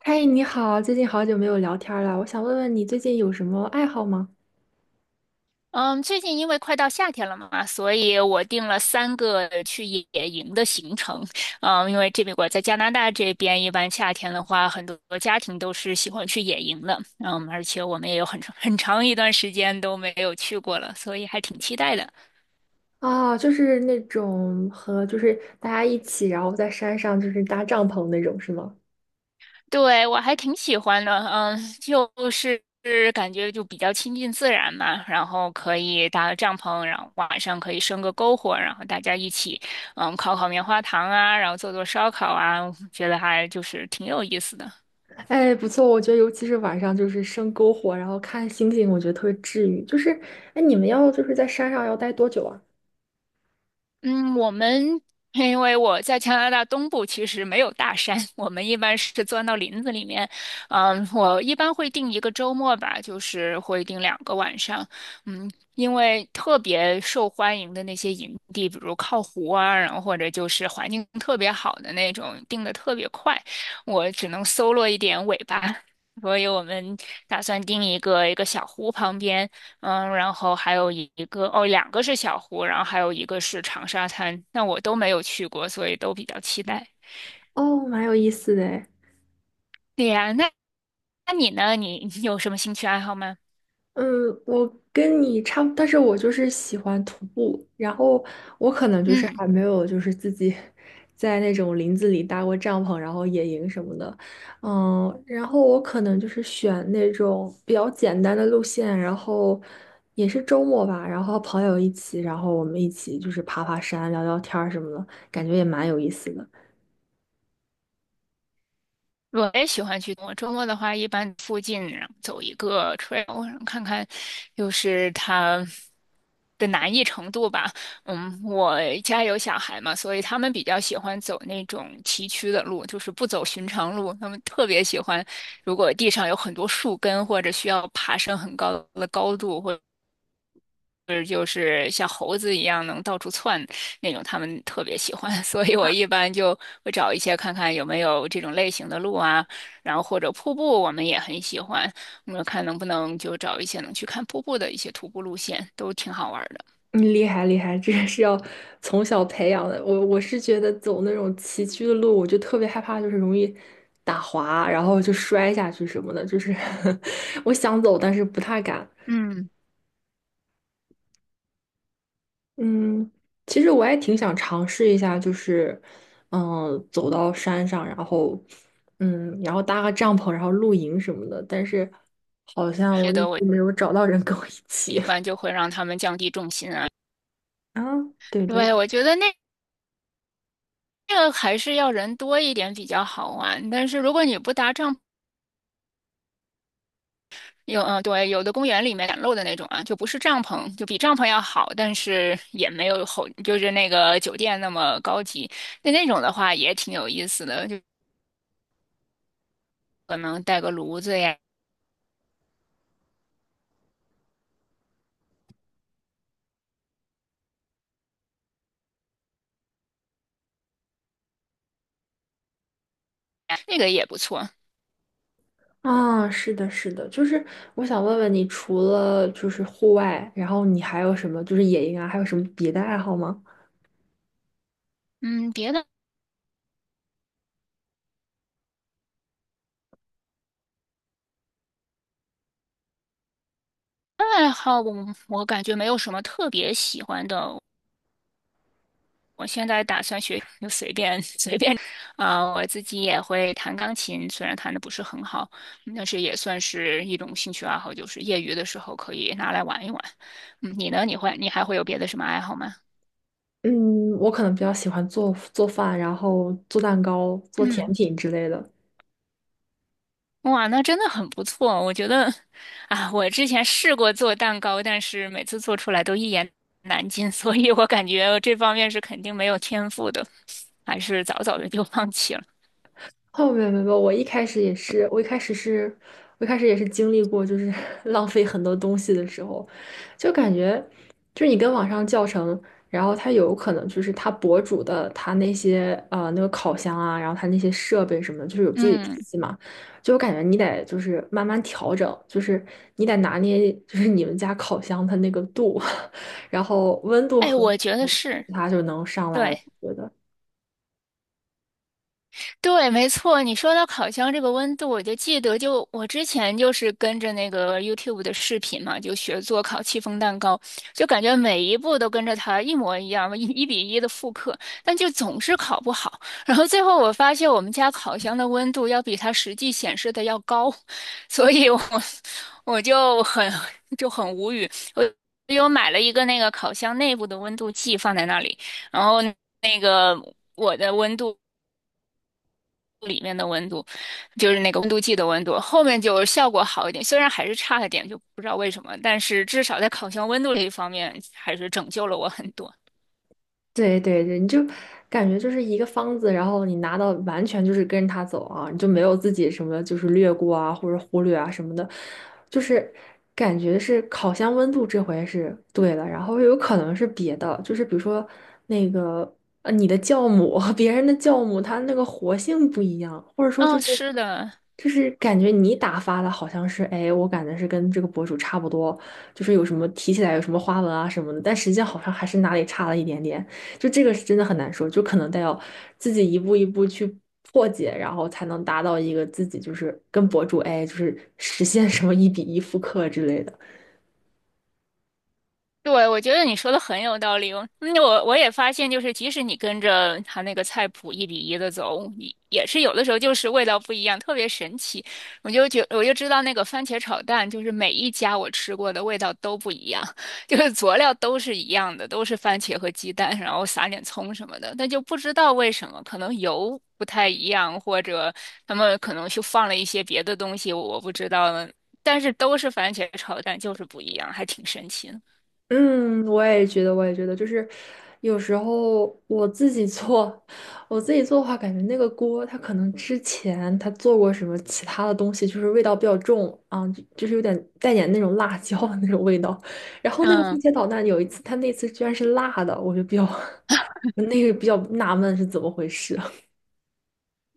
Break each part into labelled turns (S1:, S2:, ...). S1: 嗨，你好，最近好久没有聊天儿了，我想问问你最近有什么爱好吗？
S2: 嗯，最近因为快到夏天了嘛，所以我定了三个去野营的行程。因为这边我在加拿大这边，一般夏天的话，很多家庭都是喜欢去野营的。而且我们也有很长很长一段时间都没有去过了，所以还挺期待的。
S1: 哦，就是那种和就是大家一起，然后在山上就是搭帐篷那种，是吗？
S2: 对，我还挺喜欢的，感觉就比较亲近自然嘛，然后可以搭个帐篷，然后晚上可以生个篝火，然后大家一起，烤烤棉花糖啊，然后做做烧烤啊，觉得还就是挺有意思的。
S1: 哎，不错，我觉得尤其是晚上就是生篝火，然后看星星，我觉得特别治愈。就是，哎，你们要就是在山上要待多久啊？
S2: 嗯，我们因为我在加拿大东部，其实没有大山，我们一般是钻到林子里面。我一般会定一个周末吧，就是会定两个晚上。因为特别受欢迎的那些营地，比如靠湖啊，然后或者就是环境特别好的那种，定的特别快，我只能搜罗一点尾巴。所以我们打算定一个小湖旁边。嗯，然后还有一个，哦，两个是小湖，然后还有一个是长沙滩，那我都没有去过，所以都比较期待。
S1: 哦，蛮有意思的诶。
S2: 对呀，那你呢？你有什么兴趣爱好吗？
S1: 嗯，我跟你差不，但是我就是喜欢徒步，然后我可能就是
S2: 嗯。
S1: 还没有就是自己在那种林子里搭过帐篷，然后野营什么的，嗯，然后我可能就是选那种比较简单的路线，然后也是周末吧，然后朋友一起，然后我们一起就是爬爬山、聊聊天儿什么的，感觉也蛮有意思的。
S2: 我也喜欢去。我周末的话，一般附近然后走一个 trail，然后看看，就是它的难易程度吧。嗯，我家有小孩嘛，所以他们比较喜欢走那种崎岖的路，就是不走寻常路。他们特别喜欢，如果地上有很多树根，或者需要爬升很高的高度，或是就是像猴子一样能到处窜那种，他们特别喜欢，所以我一般就会找一些看看有没有这种类型的路啊，然后或者瀑布，我们也很喜欢，我们看能不能就找一些能去看瀑布的一些徒步路线，都挺好玩儿的。
S1: 嗯，厉害厉害，这个是要从小培养的。我是觉得走那种崎岖的路，我就特别害怕，就是容易打滑，然后就摔下去什么的。就是 我想走，但是不太敢。
S2: 嗯，
S1: 嗯，其实我也挺想尝试一下，就是嗯，走到山上，然后嗯，然后搭个帐篷，然后露营什么的。但是好像我
S2: 觉
S1: 一
S2: 得我
S1: 直没有找到人跟我一
S2: 一
S1: 起。
S2: 般 就会让他们降低重心啊，
S1: 啊，对对
S2: 对，我觉得那。这个还是要人多一点比较好玩，但是如果你不搭帐有嗯，对，有的公园里面展露的那种啊，就不是帐篷，就比帐篷要好，但是也没有后，就是那个酒店那么高级。那那种的话也挺有意思的，就可能带个炉子呀，那个也不错。
S1: 啊，是的，是的，就是我想问问你，除了就是户外，然后你还有什么就是野营啊，还有什么别的爱好吗？
S2: 嗯，别的爱好我感觉没有什么特别喜欢的，我现在打算学，就随便 随便，啊，我自己也会弹钢琴，虽然弹的不是很好，但是也算是一种兴趣爱好，就是业余的时候可以拿来玩一玩。嗯，你呢？你还会有别的什么爱好吗？
S1: 嗯，我可能比较喜欢做做饭，然后做蛋糕、做甜
S2: 嗯，
S1: 品之类的。
S2: 哇，那真的很不错。我觉得，啊，我之前试过做蛋糕，但是每次做出来都一言难尽，所以我感觉这方面是肯定没有天赋的，还是早早的就放弃了。
S1: 哦，没有没有，没有我一开始也是，我一开始是，我一开始也是经历过，就是 浪费很多东西的时候，就感觉，就是你跟网上教程，然后它有可能就是它博主的他那些那个烤箱啊，然后他那些设备什么的，就是有自己
S2: 嗯，
S1: 脾气嘛，就我感觉你得就是慢慢调整，就是你得拿捏，就是你们家烤箱它那个度，然后温度
S2: 哎，
S1: 和
S2: 我觉得是。
S1: 它就能上来了，
S2: 对。
S1: 我觉得。
S2: 对，没错，你说到烤箱这个温度，我就记得我之前就是跟着那个 YouTube 的视频嘛，就学做烤戚风蛋糕，就感觉每一步都跟着它一模一样，一比一的复刻，但就总是烤不好。然后最后我发现我们家烤箱的温度要比它实际显示的要高，所以我 我就很就很无语。我又买了一个那个烤箱内部的温度计放在那里，然后我的温度。里面的温度，就是那个温度计的温度，后面就效果好一点，虽然还是差了点，就不知道为什么，但是至少在烤箱温度这一方面还是拯救了我很多。
S1: 对对对，你就感觉就是一个方子，然后你拿到完全就是跟着它走啊，你就没有自己什么就是略过啊或者忽略啊什么的，就是感觉是烤箱温度这回是对了，然后有可能是别的，就是比如说那个你的酵母和 别人的酵母它那个活性不一样，或者说就
S2: 嗯、
S1: 是
S2: 是的，
S1: 就是感觉你打发的好像是哎，我感觉是跟这个博主差不多，就是有什么提起来有什么花纹啊什么的，但实际上好像还是哪里差了一点点。就这个是真的很难说，就可能得要自己一步一步去破解，然后才能达到一个自己就是跟博主哎，就是实现什么一比一复刻之类的。
S2: 对，我觉得你说的很有道理哦。那我也发现，就是即使你跟着他那个菜谱一比一的走，你也是有的时候就是味道不一样，特别神奇。我就知道那个番茄炒蛋，就是每一家我吃过的味道都不一样，就是佐料都是一样的，都是番茄和鸡蛋，然后撒点葱什么的，但就不知道为什么，可能油不太一样，或者他们可能就放了一些别的东西，我不知道呢。但是都是番茄炒蛋，就是不一样，还挺神奇的。
S1: 嗯，我也觉得，我也觉得，就是有时候我自己做，我自己做的话，感觉那个锅它可能之前它做过什么其他的东西，就是味道比较重啊，就是有点带点那种辣椒的那种味道。然后那个番
S2: 嗯，
S1: 茄炒蛋有一次，它那次居然是辣的，我就比较 我那个比较纳闷是怎么回事啊。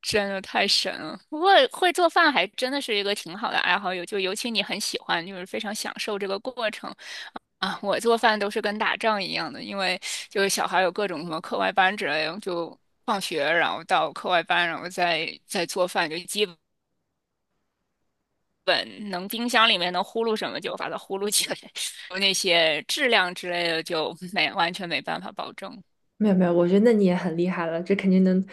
S2: 真的太神了！不过会做饭还真的是一个挺好的爱好，尤其你很喜欢，就是非常享受这个过程啊。我做饭都是跟打仗一样的，因为就是小孩有各种什么课外班之类的，就放学然后到课外班，然后再做饭，就基本能冰箱里面能呼噜什么就把它呼噜起来，那些质量之类的就没完全没办法保证。
S1: 没有没有，我觉得那你也很厉害了，这肯定能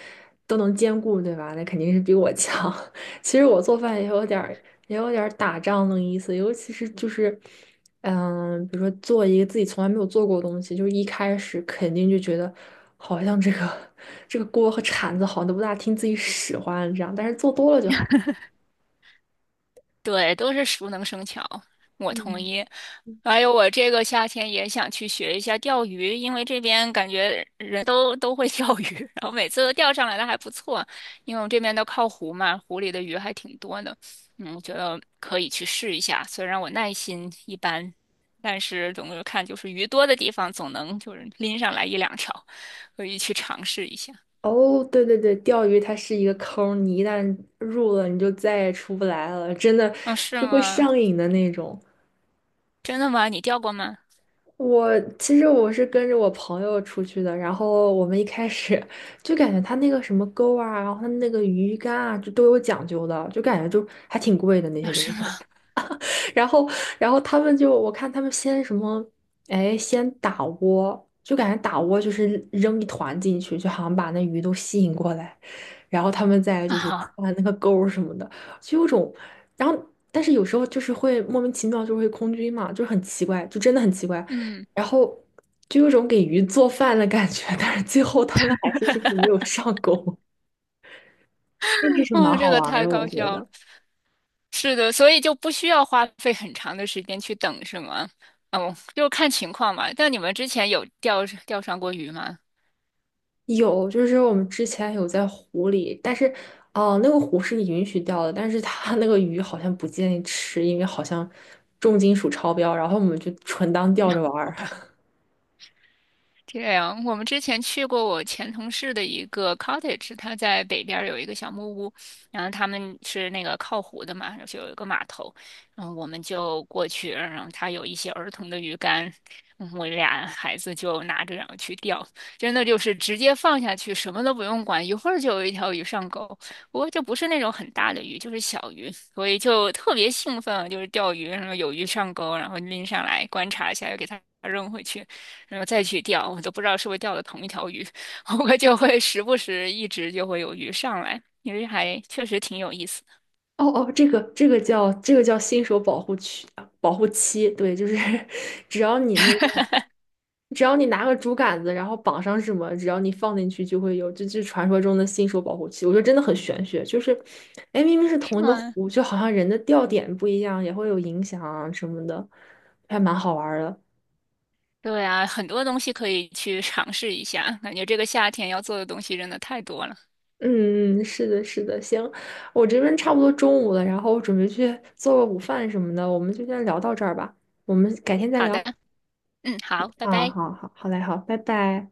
S1: 都能兼顾，对吧？那肯定是比我强。其实我做饭也有点儿打仗的意思，尤其是就是，嗯，比如说做一个自己从来没有做过的东西，就是一开始肯定就觉得好像这个 这个锅和铲子好像都不大听自己使唤这样，但是做多了就好。
S2: 对，都是熟能生巧，我同
S1: 嗯。
S2: 意。还有，我这个夏天也想去学一下钓鱼，因为这边感觉人都会钓鱼，然后每次都钓上来的还不错，因为我们这边都靠湖嘛，湖里的鱼还挺多的。嗯，我觉得可以去试一下，虽然我耐心一般，但是总的看就是鱼多的地方总能就是拎上来一两条，可以去尝试一下。
S1: 哦，对对对，钓鱼它是一个坑儿你一旦入了，你就再也出不来了，真的
S2: 嗯，是
S1: 就会
S2: 吗？
S1: 上瘾的那种。
S2: 真的吗？你钓过吗？
S1: 我其实我是跟着我朋友出去的，然后我们一开始就感觉他那个什么钩啊，然后他那个鱼竿啊，就都有讲究的，就感觉就还挺贵的那
S2: 啊，
S1: 些东
S2: 是
S1: 西。
S2: 吗？
S1: 然后，然后他们就我看他们先什么，哎，先打窝，就感觉打窝就是扔一团进去，就好像把那鱼都吸引过来。然后他们再
S2: 啊，
S1: 就是
S2: 好
S1: 按那个钩儿什么的，就有种，然后但是有时候就是会莫名其妙就会空军嘛，就是很奇怪，就真的很奇怪，
S2: 嗯。
S1: 然后就有种给鱼做饭的感觉，但是最后他们还是就是没有上钩，那个是蛮
S2: 哦，这
S1: 好
S2: 个
S1: 玩儿
S2: 太
S1: 的，我
S2: 搞
S1: 觉
S2: 笑
S1: 得。
S2: 了。是的，所以就不需要花费很长的时间去等，是吗？哦，就看情况嘛。但你们之前有钓上过鱼吗？
S1: 有，就是我们之前有在湖里，但是，哦、那个湖是允许钓的，但是它那个鱼好像不建议吃，因为好像重金属超标，然后我们就纯当钓着玩
S2: 我
S1: 儿。
S2: 怕。这样，我们之前去过我前同事的一个 cottage，他在北边儿有一个小木屋，然后他们是那个靠湖的嘛，就是有一个码头，然后我们就过去，然后他有一些儿童的鱼竿，嗯我俩孩子就拿着然后去钓，真的就是直接放下去，什么都不用管，一会儿就有一条鱼上钩。不过就不是那种很大的鱼，就是小鱼，所以就特别兴奋，就是钓鱼，然后有鱼上钩，然后拎上来观察一下，又给它扔回去。然后再去钓，我都不知道是不是钓的同一条鱼，我就会时不时一直就会有鱼上来，因为还确实挺有意思的，
S1: 哦哦，这个这个叫这个叫新手保护区啊保护期，对，就是 只要你那个，只要你拿个竹竿子，然后绑上什么，只要你放进去就会有，这就是传说中的新手保护期。我觉得真的很玄学，就是，哎，明明是
S2: 是
S1: 同一个
S2: 吗？
S1: 湖，就好像人的钓点不一样，也会有影响啊什么的，还蛮好玩儿的。
S2: 对啊，很多东西可以去尝试一下，感觉这个夏天要做的东西真的太多了。
S1: 嗯，嗯是的，是的，行，我这边差不多中午了，然后我准备去做个午饭什么的，我们就先聊到这儿吧，我们改天再
S2: 好
S1: 聊。
S2: 的，嗯，好，拜
S1: 啊，
S2: 拜。
S1: 好好，好嘞，好，拜拜。